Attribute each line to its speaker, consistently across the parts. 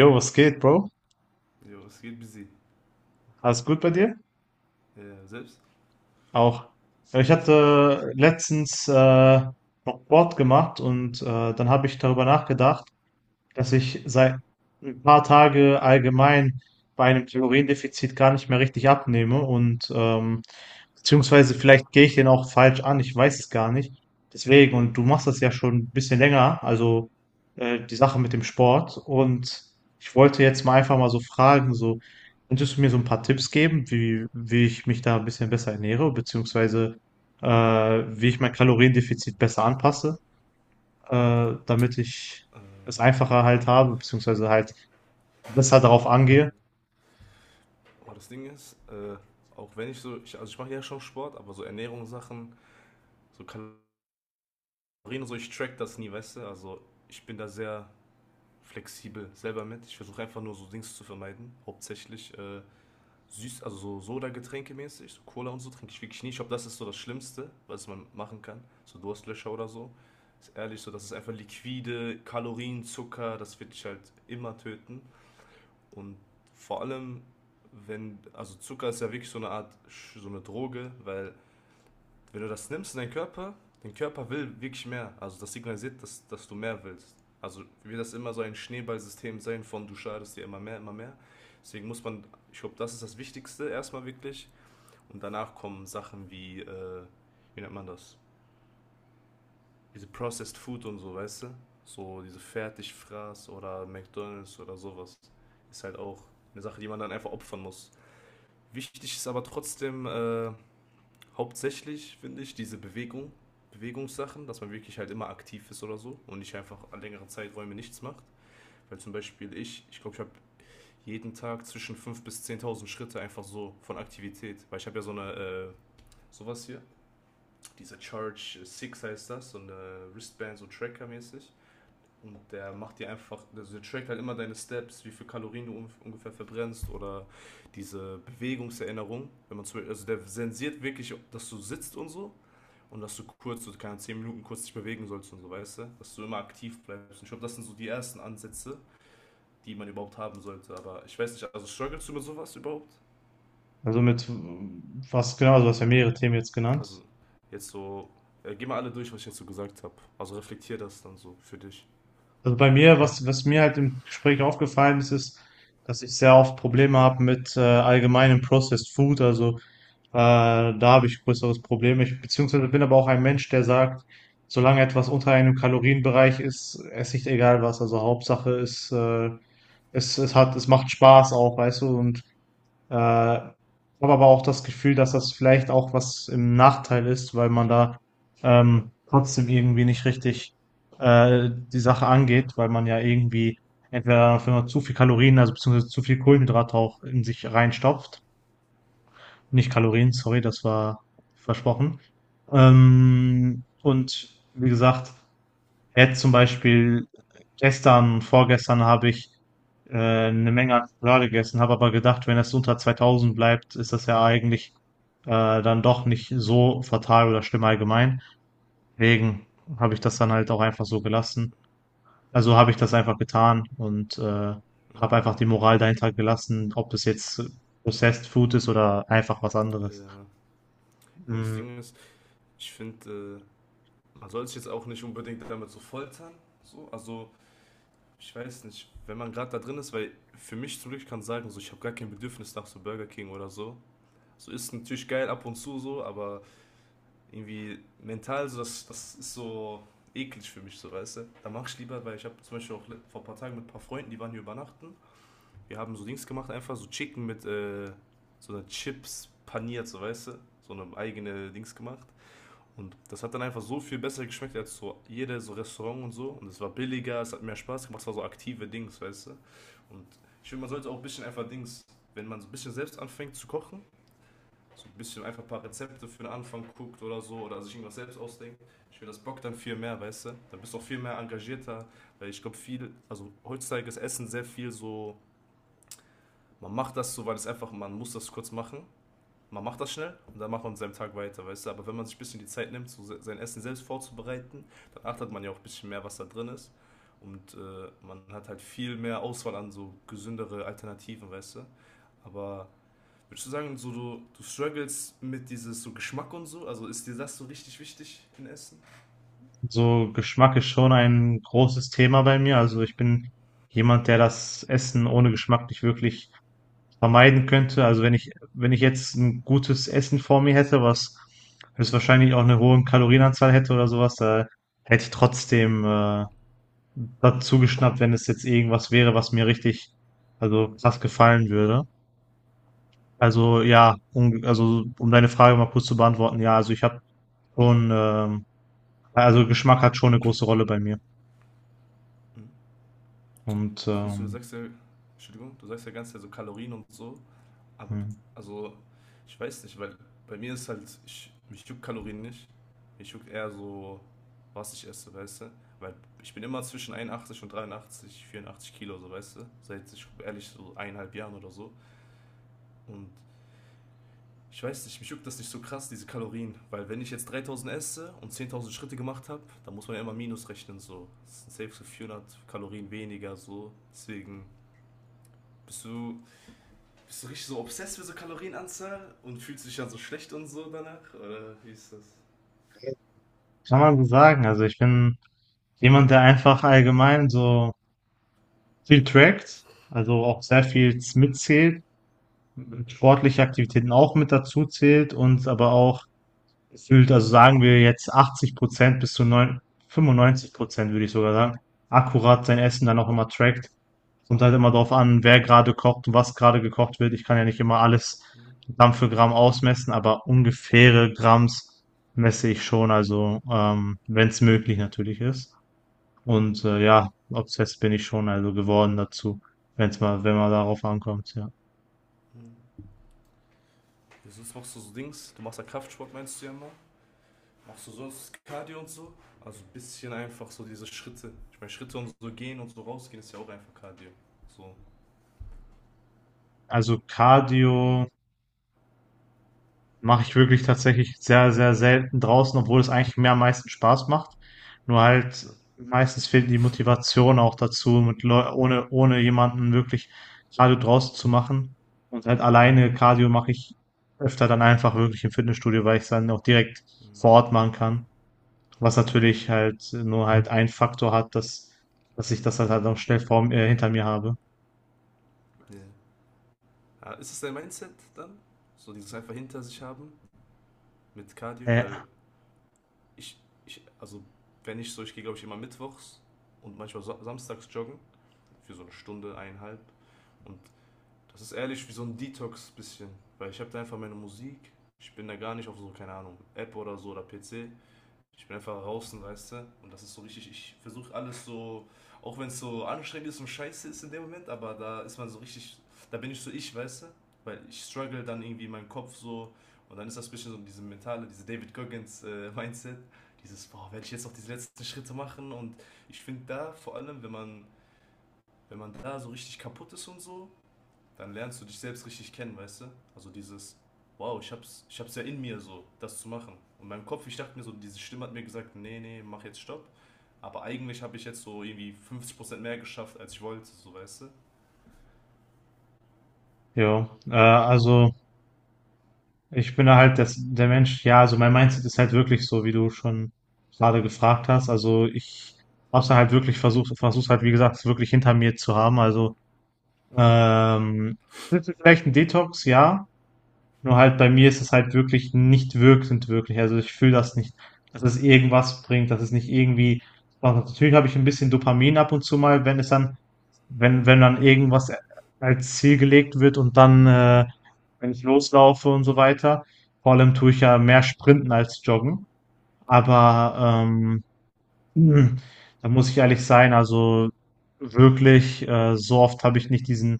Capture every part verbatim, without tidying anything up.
Speaker 1: Jo, was geht, Bro?
Speaker 2: Jo, es geht busy.
Speaker 1: Alles gut bei dir?
Speaker 2: Äh, selbst.
Speaker 1: Auch. Ja, ich hatte letztens äh, noch Sport gemacht und äh, dann habe ich darüber nachgedacht, dass ich seit ein paar Tage allgemein bei einem Kaloriendefizit gar nicht mehr richtig abnehme und ähm beziehungsweise vielleicht gehe ich den auch falsch an, ich weiß es gar nicht. Deswegen, und du machst das ja schon ein bisschen länger, also, äh, die Sache mit dem Sport, und ich wollte jetzt mal einfach mal so fragen, so, könntest du mir so ein paar Tipps geben, wie wie ich mich da ein bisschen besser ernähre, beziehungsweise, äh, wie ich mein Kaloriendefizit besser anpasse? Äh, damit ich
Speaker 2: Äh,
Speaker 1: es einfacher halt habe, beziehungsweise halt besser darauf angehe.
Speaker 2: aber das Ding ist, äh, auch wenn ich so, ich, also ich mache ja schon Sport, aber so Ernährungssachen, so Kalorien und so, ich track das nie, weißt du? Also ich bin da sehr flexibel selber mit. Ich versuche einfach nur so Dings zu vermeiden. Hauptsächlich äh, süß, also so Soda-Getränke mäßig, so Cola und so trinke ich wirklich nie. Ich glaube, das ist so das Schlimmste, was man machen kann. So Durstlöscher oder so. Ist ehrlich so, das ist einfach liquide, Kalorien, Zucker, das wird dich halt immer töten. Und vor allem, wenn, also Zucker ist ja wirklich so eine Art, Sch- so eine Droge, weil wenn du das nimmst in deinen Körper, dein Körper will wirklich mehr. Also das signalisiert, dass, dass du mehr willst. Also wird das immer so ein Schneeballsystem sein von du schadest dir immer mehr, immer mehr. Deswegen muss man, ich glaube, das ist das Wichtigste erstmal wirklich. Und danach kommen Sachen wie, äh, wie nennt man das? Diese Processed Food und so, weißt du? So diese Fertigfraß oder McDonalds oder sowas. Ist halt auch eine Sache, die man dann einfach opfern muss. Wichtig ist aber trotzdem äh, hauptsächlich, finde ich, diese Bewegung, Bewegungssachen, dass man wirklich halt immer aktiv ist oder so und nicht einfach an längeren Zeiträumen nichts macht. Weil zum Beispiel ich, ich glaube, ich habe jeden Tag zwischen fünftausend bis zehntausend Schritte einfach so von Aktivität. Weil ich habe ja so eine, äh, sowas hier, diese Charge sechs heißt das, so eine Wristband, so Tracker-mäßig. Und der macht dir einfach, also der trackt halt immer deine Steps, wie viel Kalorien du ungefähr verbrennst oder diese Bewegungserinnerung. Wenn man zum Beispiel, also der sensiert wirklich, dass du sitzt und so und dass du kurz, so keine zehn Minuten kurz dich bewegen sollst und so, weißt du? Dass du immer aktiv bleibst. Und ich glaube, das sind so die ersten Ansätze, die man überhaupt haben sollte. Aber ich weiß nicht, also strugglest du mit sowas überhaupt?
Speaker 1: Also mit mm, was genau, also du hast ja mehrere Themen jetzt genannt.
Speaker 2: Also jetzt so, äh, geh mal alle durch, was ich jetzt so gesagt habe. Also reflektier das dann so für dich.
Speaker 1: Also bei mir, was, was mir halt im Gespräch aufgefallen ist, ist, dass ich sehr oft Probleme habe mit äh, allgemeinem Processed Food. Also äh, da habe ich größeres Problem. Ich beziehungsweise bin aber auch ein Mensch, der sagt, solange etwas unter einem Kalorienbereich ist, esse ich egal was. Also Hauptsache ist, äh, es, es hat, es macht Spaß auch, weißt du, und Äh, habe aber auch das Gefühl, dass das vielleicht auch was im Nachteil ist, weil man da ähm, trotzdem irgendwie nicht richtig äh, die Sache angeht, weil man ja irgendwie, entweder wenn man zu viel Kalorien, also beziehungsweise zu viel Kohlenhydrate, auch in sich reinstopft. Nicht Kalorien, sorry, das war versprochen. Ähm, und wie gesagt, jetzt zum Beispiel gestern, vorgestern habe ich äh, eine Menge an Schokolade gegessen, habe aber gedacht, wenn das unter zweitausend bleibt, ist das ja eigentlich äh, dann doch nicht so fatal oder schlimm allgemein. Deswegen habe ich das dann halt auch einfach so gelassen. Also habe ich das einfach getan und äh, habe
Speaker 2: Mhm.
Speaker 1: einfach die Moral dahinter gelassen, ob das jetzt Processed Food ist oder einfach was anderes.
Speaker 2: Äh, ja, das
Speaker 1: Mm.
Speaker 2: Ding ist, ich finde, man soll sich jetzt auch nicht unbedingt damit so foltern. So. Also, ich weiß nicht, wenn man gerade da drin ist, weil für mich zum Glück kann ich sagen, so, ich habe gar kein Bedürfnis nach so Burger King oder so. So ist natürlich geil ab und zu so, aber irgendwie mental, so, das, das ist so eklig für mich, so, weißt du. Da mache ich lieber, weil ich habe zum Beispiel auch le- vor ein paar Tagen mit ein paar Freunden, die waren hier übernachten. Wir haben so Dings gemacht, einfach so Chicken mit äh, so einer Chips paniert, so, weißt du. So eine eigene Dings gemacht. Und das hat dann einfach so viel besser geschmeckt als so jedes so Restaurant und so. Und es war billiger, es hat mehr Spaß gemacht, es war so aktive Dings, weißt du. Und ich finde, man sollte auch ein bisschen einfach Dings, wenn man so ein bisschen selbst anfängt zu kochen, so ein bisschen einfach ein paar Rezepte für den Anfang guckt oder so oder sich irgendwas selbst ausdenkt. Ich finde, das bockt dann viel mehr, weißt du. Dann bist du auch viel mehr engagierter, weil ich glaube, viel, also heutzutage ist Essen sehr viel so, man macht das so, weil es einfach, man muss das kurz machen, man macht das schnell und dann macht man seinem Tag weiter, weißt du. Aber wenn man sich ein bisschen die Zeit nimmt, so sein Essen selbst vorzubereiten, dann achtet man ja auch ein bisschen mehr, was da drin ist. Und äh, man hat halt viel mehr Auswahl an so gesündere Alternativen, weißt du. Aber würdest du sagen, so du, du struggles mit dieses so Geschmack und so? Also ist dir das so richtig wichtig in Essen?
Speaker 1: So Geschmack ist schon ein großes Thema bei mir. Also ich bin jemand, der das Essen ohne Geschmack nicht wirklich vermeiden könnte. Also wenn ich, wenn ich jetzt ein gutes Essen vor mir hätte, was das wahrscheinlich auch eine hohe Kalorienanzahl hätte oder sowas, da hätte ich trotzdem äh, dazu geschnappt, wenn es jetzt irgendwas wäre, was mir richtig, also krass gefallen würde. Also ja, um, also um deine Frage mal kurz zu beantworten, ja, also ich habe schon, ähm, also Geschmack hat schon eine große Rolle bei mir.
Speaker 2: Hm?
Speaker 1: Und
Speaker 2: Ist nicht so, du
Speaker 1: ähm,
Speaker 2: sagst ja, Entschuldigung, du sagst ja ganz so Kalorien und so. Aber,
Speaker 1: hm,
Speaker 2: also, ich weiß nicht, weil bei mir ist halt, ich, mich juckt Kalorien nicht. Mich juckt eher so, was ich esse, weißt du? Weil ich bin immer zwischen einundachtzig und dreiundachtzig, vierundachtzig Kilo, so, weißt du? Seit, ich ehrlich, so eineinhalb Jahren oder so. Und ich weiß nicht, mich juckt das nicht so krass, diese Kalorien. Weil wenn ich jetzt dreitausend esse und zehntausend Schritte gemacht habe, dann muss man ja immer Minus rechnen, so. Das sind safe so vierhundert Kalorien weniger, so. Deswegen bist du bist du richtig so obsessed mit so Kalorienanzahl und fühlst dich dann so schlecht und so danach? Oder wie ist das?
Speaker 1: kann man so sagen, also ich bin jemand, der einfach allgemein so viel trackt, also auch sehr viel mitzählt, sportliche Aktivitäten auch mit dazu zählt, und aber auch gefühlt, also sagen wir jetzt achtzig Prozent bis zu neun fünfundneunzig Prozent würde ich sogar sagen, akkurat sein Essen dann auch immer trackt. Kommt halt immer darauf an, wer gerade kocht und was gerade gekocht wird. Ich kann ja nicht immer alles
Speaker 2: Hm,
Speaker 1: Gramm für Gramm ausmessen, aber ungefähre Gramms messe
Speaker 2: hm,
Speaker 1: ich schon, also ähm, wenn es möglich natürlich ist. Und äh, ja, obsessed bin ich schon also geworden dazu, wenn es mal, wenn man darauf ankommt, ja.
Speaker 2: hm. Ja, sonst machst du so Dings, du machst ja Kraftsport, meinst du ja mal? Machst du sonst Cardio und so? Also ein bisschen einfach so diese Schritte. Ich meine, Schritte und so gehen und so rausgehen ist ja auch einfach Cardio. So.
Speaker 1: Also Cardio. Mache ich wirklich tatsächlich sehr, sehr selten draußen, obwohl es eigentlich mir am meisten Spaß macht. Nur halt meistens fehlt die Motivation auch dazu, mit Leu ohne, ohne jemanden wirklich Cardio draußen zu machen. Und halt alleine Cardio mache ich öfter dann einfach wirklich im Fitnessstudio, weil ich es dann auch direkt
Speaker 2: Hm.
Speaker 1: vor Ort machen kann. Was natürlich halt nur halt ein Faktor hat, dass, dass ich das halt, halt auch schnell vor, äh, hinter mir habe.
Speaker 2: Yeah. Ja. Ah, ist das dein Mindset dann? So dieses einfach hinter sich haben mit Cardio? Weil
Speaker 1: Ja,
Speaker 2: ich, ich also wenn ich so, ich gehe glaube ich immer mittwochs und manchmal so, samstags joggen. Für so eine Stunde, eineinhalb. Und das ist ehrlich wie so ein Detox bisschen, weil ich habe da einfach meine Musik. Ich bin da gar nicht auf so, keine Ahnung, App oder so oder P C. Ich bin einfach draußen, weißt du? Und das ist so richtig, ich versuche alles so, auch wenn es so anstrengend ist und scheiße ist in dem Moment, aber da ist man so richtig, da bin ich so ich, weißt du? Weil ich struggle dann irgendwie in meinem Kopf so und dann ist das ein bisschen so diese mentale, diese David Goggins äh, Mindset, dieses, boah, werde ich jetzt noch diese letzten Schritte machen und ich finde da vor allem, wenn man wenn man da so richtig kaputt ist und so, dann lernst du dich selbst richtig kennen, weißt du? Also dieses, wow, ich hab's, ich hab's ja in mir so, das zu machen. Und meinem Kopf, ich dachte mir so, diese Stimme hat mir gesagt, nee, nee, mach jetzt Stopp. Aber eigentlich habe ich jetzt so irgendwie fünfzig Prozent mehr geschafft, als ich wollte, so weißt du?
Speaker 1: jo. Äh, also. Ich bin halt das, der Mensch, ja, also mein Mindset ist halt wirklich so, wie du schon gerade gefragt hast. Also ich hab's dann halt wirklich versucht, versuch's halt, wie gesagt, es wirklich hinter mir zu haben. Also, ähm, das ist vielleicht ein Detox, ja. Nur halt bei mir ist es halt wirklich nicht wirkend wirklich. Also ich fühle das nicht, dass es irgendwas bringt, dass es nicht irgendwie was hat. Natürlich habe ich ein bisschen Dopamin ab und zu mal, wenn es dann, wenn, wenn dann irgendwas als Ziel gelegt wird und dann, äh, wenn ich loslaufe und so weiter. Vor allem tue ich ja mehr Sprinten als Joggen. Aber ähm, hm, da muss ich ehrlich sein, also wirklich, äh, so oft habe ich nicht diesen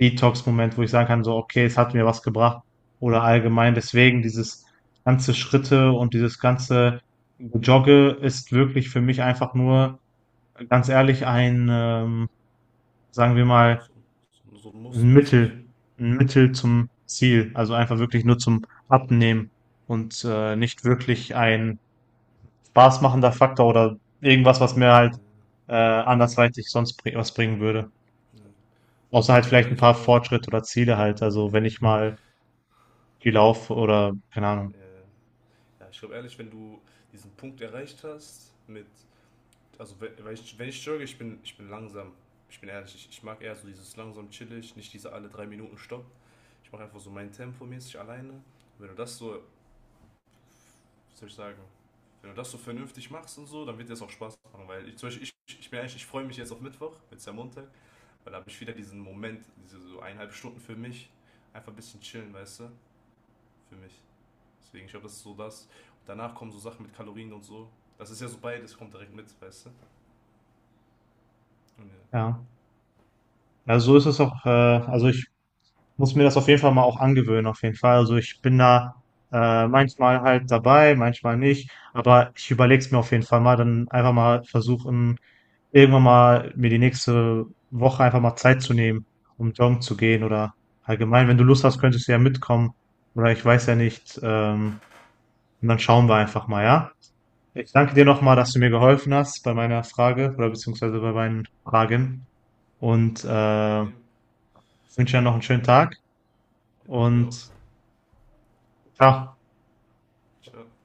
Speaker 1: Detox-Moment, wo ich sagen kann, so, okay, es hat mir was gebracht oder allgemein. Deswegen dieses ganze Schritte und dieses ganze Jogge ist wirklich für mich einfach nur, ganz ehrlich, ein, ähm, sagen wir mal,
Speaker 2: So, so, so
Speaker 1: ein
Speaker 2: mussmäßig.
Speaker 1: Mittel, ein Mittel zum Ziel. Also einfach wirklich nur zum Abnehmen und äh, nicht wirklich ein spaßmachender Faktor oder irgendwas, was mir
Speaker 2: Äh,
Speaker 1: halt äh, andersweitig sonst bring was bringen würde. Außer
Speaker 2: ja,
Speaker 1: halt
Speaker 2: ich glaube
Speaker 1: vielleicht ein
Speaker 2: ehrlich,
Speaker 1: paar
Speaker 2: aber
Speaker 1: Fortschritte oder Ziele halt. Also wenn
Speaker 2: äh,
Speaker 1: ich mal viel laufe oder keine Ahnung.
Speaker 2: äh, ja, ich glaube ehrlich, wenn du diesen Punkt erreicht hast mit, also wenn, wenn ich, wenn ich jogge, ich bin, ich bin langsam. Ich bin ehrlich, ich, ich mag eher so dieses langsam chillig, nicht diese alle drei Minuten Stopp. Ich mache einfach so mein Tempo mäßig alleine. Und wenn du das so, wie soll ich sagen, wenn du das so vernünftig machst und so, dann wird dir das auch Spaß machen. Weil ich, zum Beispiel, ich, ich bin ehrlich, ich freue mich jetzt auf Mittwoch, jetzt ist ja Montag, weil da habe ich wieder diesen Moment, diese so eineinhalb Stunden für mich, einfach ein bisschen chillen, weißt du, für mich. Deswegen, ich glaube, das ist so das. Und danach kommen so Sachen mit Kalorien und so. Das ist ja so beides, kommt direkt mit, weißt du. Und ja.
Speaker 1: Ja. Also so ist es auch. Äh, also ich muss mir das auf jeden Fall mal auch angewöhnen, auf jeden Fall. Also ich bin da äh, manchmal halt dabei, manchmal nicht, aber ich überlege es mir auf jeden Fall mal, dann einfach mal versuchen, irgendwann mal mir die nächste Woche einfach mal Zeit zu nehmen, um joggen zu gehen oder allgemein,
Speaker 2: Mhm.
Speaker 1: wenn du Lust hast, könntest du ja mitkommen oder ich weiß ja
Speaker 2: Ja.
Speaker 1: nicht, ähm, und dann schauen wir einfach mal, ja? Ich danke dir
Speaker 2: Mhm.
Speaker 1: nochmal, dass du mir geholfen hast bei meiner Frage oder beziehungsweise
Speaker 2: Ja,
Speaker 1: bei meinen Fragen und
Speaker 2: kein
Speaker 1: äh,
Speaker 2: Problem.
Speaker 1: wünsche dir noch einen schönen Tag
Speaker 2: Bei dir auch.
Speaker 1: und ciao.
Speaker 2: Ciao.